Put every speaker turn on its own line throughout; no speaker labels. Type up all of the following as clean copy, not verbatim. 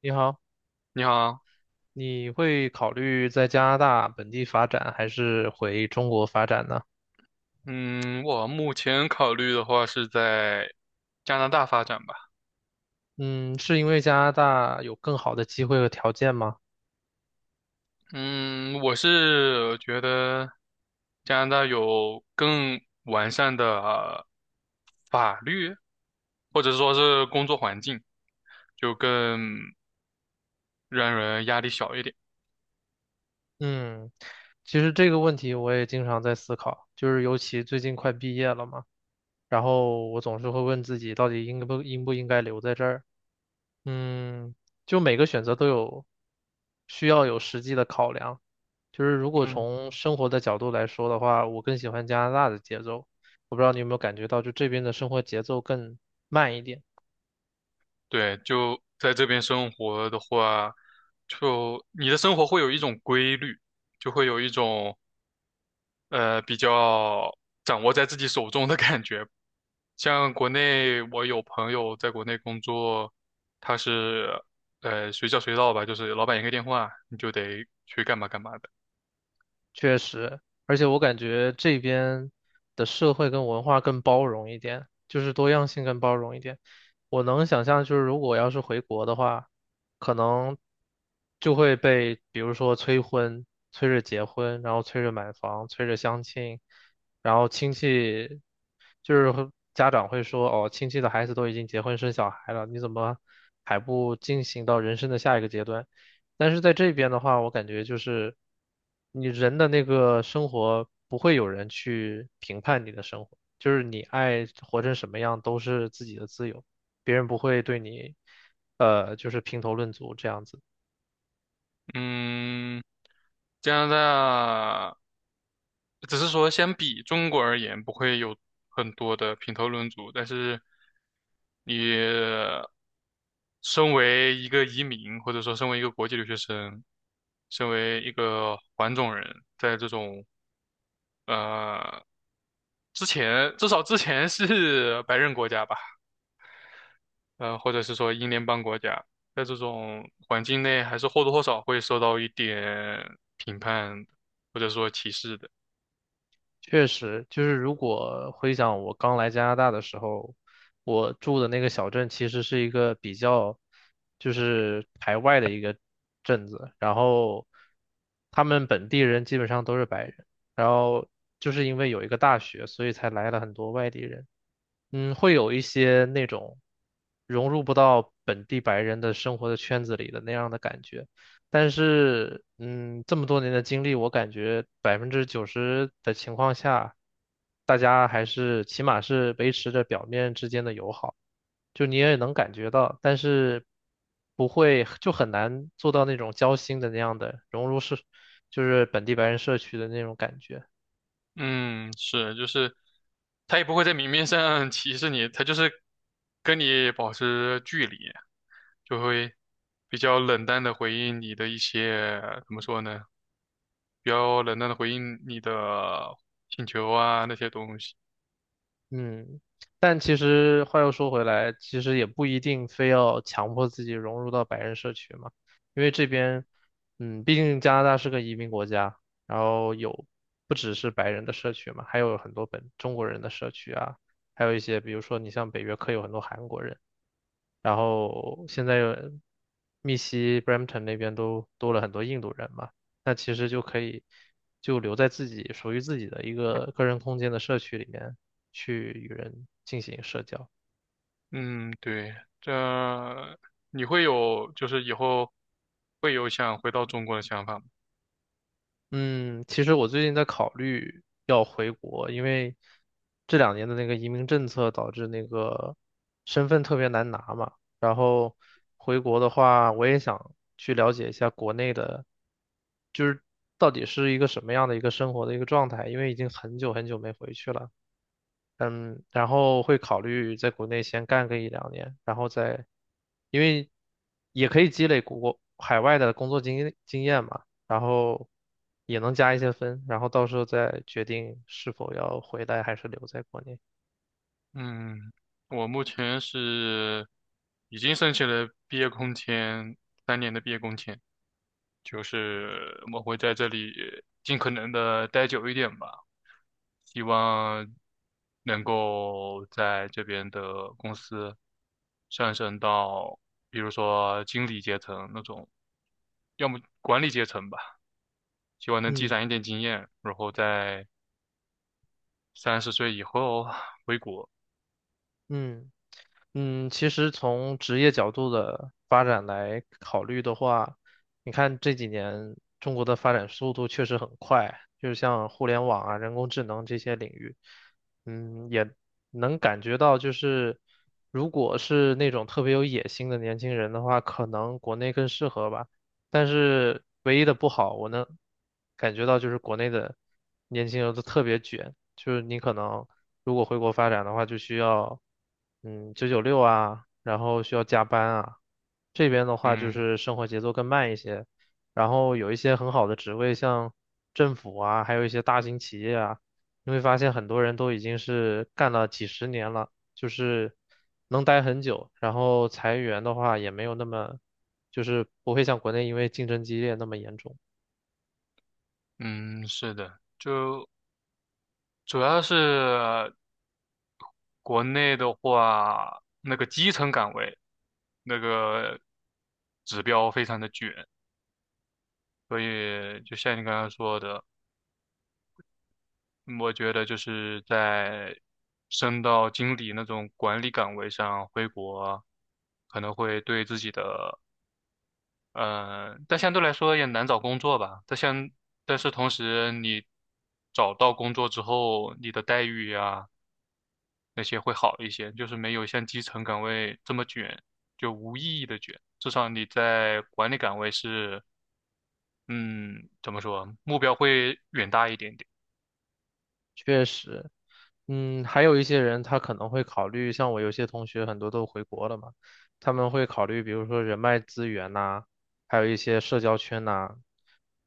你好，
你好，
你会考虑在加拿大本地发展，还是回中国发展呢？
嗯，我目前考虑的话是在加拿大发展吧。
嗯，是因为加拿大有更好的机会和条件吗？
嗯，我是觉得加拿大有更完善的法律，或者说是工作环境，就更让人压力小一点。
嗯，其实这个问题我也经常在思考，就是尤其最近快毕业了嘛。然后我总是会问自己，到底应不应该留在这儿？嗯，就每个选择都有需要有实际的考量。就是如果
嗯，
从生活的角度来说的话，我更喜欢加拿大的节奏。我不知道你有没有感觉到，就这边的生活节奏更慢一点。
对，就在这边生活的话，就你的生活会有一种规律，就会有一种比较掌握在自己手中的感觉。像国内，我有朋友在国内工作，他是随叫随到吧，就是老板一个电话，你就得去干嘛干嘛的。
确实，而且我感觉这边的社会跟文化更包容一点，就是多样性更包容一点。我能想象，就是如果要是回国的话，可能就会被比如说催婚、催着结婚，然后催着买房、催着相亲，然后亲戚就是会家长会说，哦，亲戚的孩子都已经结婚生小孩了，你怎么还不进行到人生的下一个阶段？但是在这边的话，我感觉就是你人的那个生活不会有人去评判你的生活，就是你爱活成什么样都是自己的自由，别人不会对你就是评头论足这样子。
嗯，加拿大只是说相比中国而言，不会有很多的评头论足，但是你身为一个移民，或者说身为一个国际留学生，身为一个黄种人，在这种呃，之前至少之前是白人国家吧，呃，或者是说英联邦国家，在这种环境内，还是或多或少会受到一点评判或者说歧视的。
确实，就是如果回想我刚来加拿大的时候，我住的那个小镇其实是一个比较，就是排外的一个镇子，然后他们本地人基本上都是白人，然后就是因为有一个大学，所以才来了很多外地人。嗯，会有一些那种融入不到本地白人的生活的圈子里的那样的感觉。但是，嗯，这么多年的经历，我感觉90%的情况下，大家还是起码是维持着表面之间的友好，就你也能感觉到，但是不会就很难做到那种交心的那样的融入社，就是本地白人社区的那种感觉。
嗯，是，就是他也不会在明面上 歧视你，他就是跟你保持距离，就会比较冷淡的回应你的一些，怎么说呢？比较冷淡的回应你的请求啊那些东西。
嗯，但其实话又说回来，其实也不一定非要强迫自己融入到白人社区嘛，因为这边，嗯，毕竟加拿大是个移民国家，然后有不只是白人的社区嘛，还有很多本中国人的社区啊，还有一些比如说你像北约克有很多韩国人，然后现在有密西 Brampton 那边都多了很多印度人嘛，那其实就可以就留在自己属于自己的一个个人空间的社区里面去与人进行社交。
嗯，对，这你会有，就是以后会有想回到中国的想法吗？
嗯，其实我最近在考虑要回国，因为这两年的那个移民政策导致那个身份特别难拿嘛。然后回国的话，我也想去了解一下国内的，就是到底是一个什么样的一个生活的一个状态，因为已经很久很久没回去了。嗯，然后会考虑在国内先干个一两年，然后再，因为也可以积累国海外的工作经验嘛，然后也能加一些分，然后到时候再决定是否要回来还是留在国内。
嗯，我目前是已经申请了毕业工签，三年的毕业工签，就是我会在这里尽可能的待久一点吧，希望能够在这边的公司上升到，比如说经理阶层那种，要么管理阶层吧。希望能积
嗯
攒一点经验，然后在三十岁以后回国。
嗯。嗯，其实从职业角度的发展来考虑的话，你看这几年中国的发展速度确实很快，就是像互联网啊、人工智能这些领域，嗯，也能感觉到，就是如果是那种特别有野心的年轻人的话，可能国内更适合吧。但是唯一的不好，我能感觉到就是国内的年轻人都特别卷，就是你可能。如果回国发展的话，就需要996啊，然后需要加班啊。这边的话就
嗯。
是生活节奏更慢一些，然后有一些很好的职位，像政府啊，还有一些大型企业啊，你会发现很多人都已经是干了几十年了，就是能待很久。然后裁员的话也没有那么，就是不会像国内因为竞争激烈那么严重。
嗯，是的，就主要是国内的话，那个基层岗位那个指标非常的卷，所以就像你刚刚说的，嗯，我觉得就是在升到经理那种管理岗位上回国，可能会对自己的但相对来说也难找工作吧。但像，但是同时你找到工作之后，你的待遇呀、那些会好一些，就是没有像基层岗位这么卷，就无意义的卷。至少你在管理岗位是，嗯，怎么说，目标会远大一点点。
确实，嗯，还有一些人他可能会考虑，像我有些同学很多都回国了嘛，他们会考虑，比如说人脉资源呐、还有一些社交圈呐、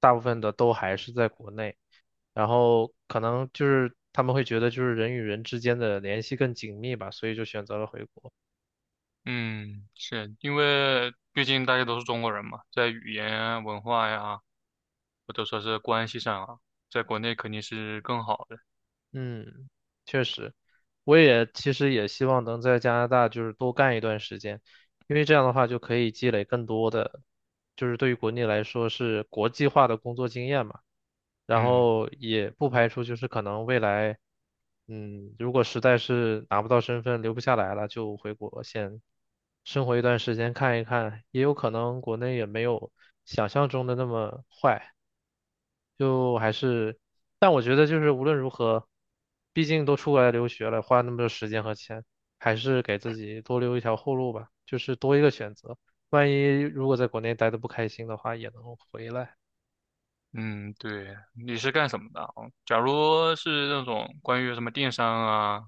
大部分的都还是在国内，然后可能就是他们会觉得就是人与人之间的联系更紧密吧，所以就选择了回国。
嗯，是因为毕竟大家都是中国人嘛，在语言啊文化呀，或者说是关系上啊，在国内肯定是更好的。
嗯，确实，我也其实也希望能在加拿大就是多干一段时间，因为这样的话就可以积累更多的，就是对于国内来说是国际化的工作经验嘛。然
嗯。
后也不排除就是可能未来，嗯，如果实在是拿不到身份留不下来了，就回国先生活一段时间看一看，也有可能国内也没有想象中的那么坏。就还是，但我觉得就是无论如何，毕竟都出来留学了，花那么多时间和钱，还是给自己多留一条后路吧，就是多一个选择。万一如果在国内待的不开心的话，也能回来。
嗯，对，你是干什么的啊？假如是那种关于什么电商啊、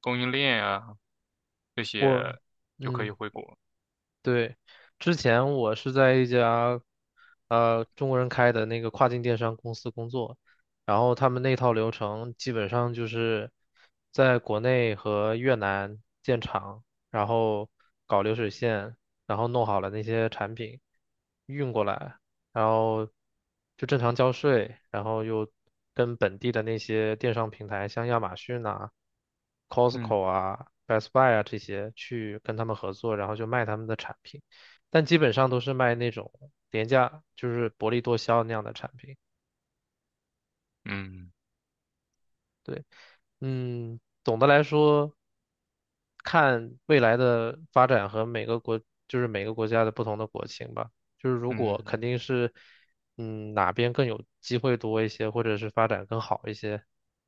供应链啊这
我，
些，就可以
嗯。
回国。
对，之前我是在一家中国人开的那个跨境电商公司工作，然后他们那套流程基本上就是在国内和越南建厂，然后搞流水线，然后弄好了那些产品运过来，然后就正常交税，然后又跟本地的那些电商平台，像亚马逊啊、
嗯。
Costco 啊、Best Buy 啊这些去跟他们合作，然后就卖他们的产品，但基本上都是卖那种廉价，就是薄利多销那样的产品。
嗯。
对。嗯，总的来说，看未来的发展和每个国，就是每个国家的不同的国情吧。就是如果肯
嗯，
定是，嗯，哪边更有机会多一些，或者是发展更好一些，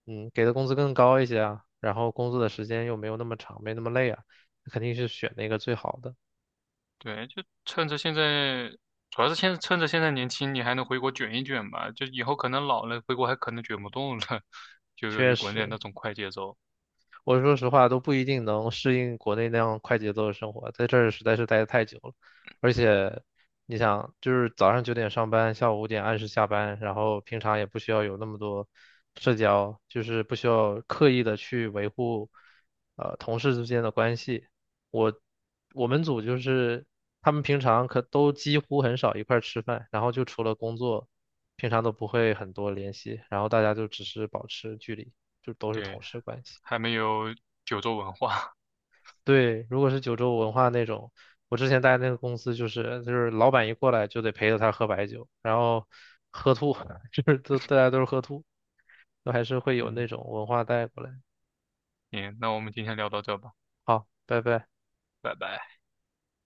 嗯，给的工资更高一些啊，然后工作的时间又没有那么长，没那么累啊，肯定是选那个最好的。
对，就趁着现在，主要是趁着现在年轻，你还能回国卷一卷吧。就以后可能老了，回国还可能卷不动了，就由于
确
国内
实，
那种快节奏，
我说实话都不一定能适应国内那样快节奏的生活，在这儿实在是待得太久了。而且，你想，就是早上9点上班，下午5点按时下班，然后平常也不需要有那么多社交，就是不需要刻意的去维护，同事之间的关系。我我们组就是他们平常可都几乎很少一块儿吃饭，然后就除了工作，平常都不会很多联系，然后大家就只是保持距离，就都是
对，
同事关系。
还没有九州文化。
对，如果是九州文化那种，我之前待那个公司就是老板一过来就得陪着他喝白酒，然后喝吐，就是都大家都是喝吐，都还是会有
嗯，
那种文化带过来。
行，那我们今天聊到这吧，
好，拜拜。
拜拜。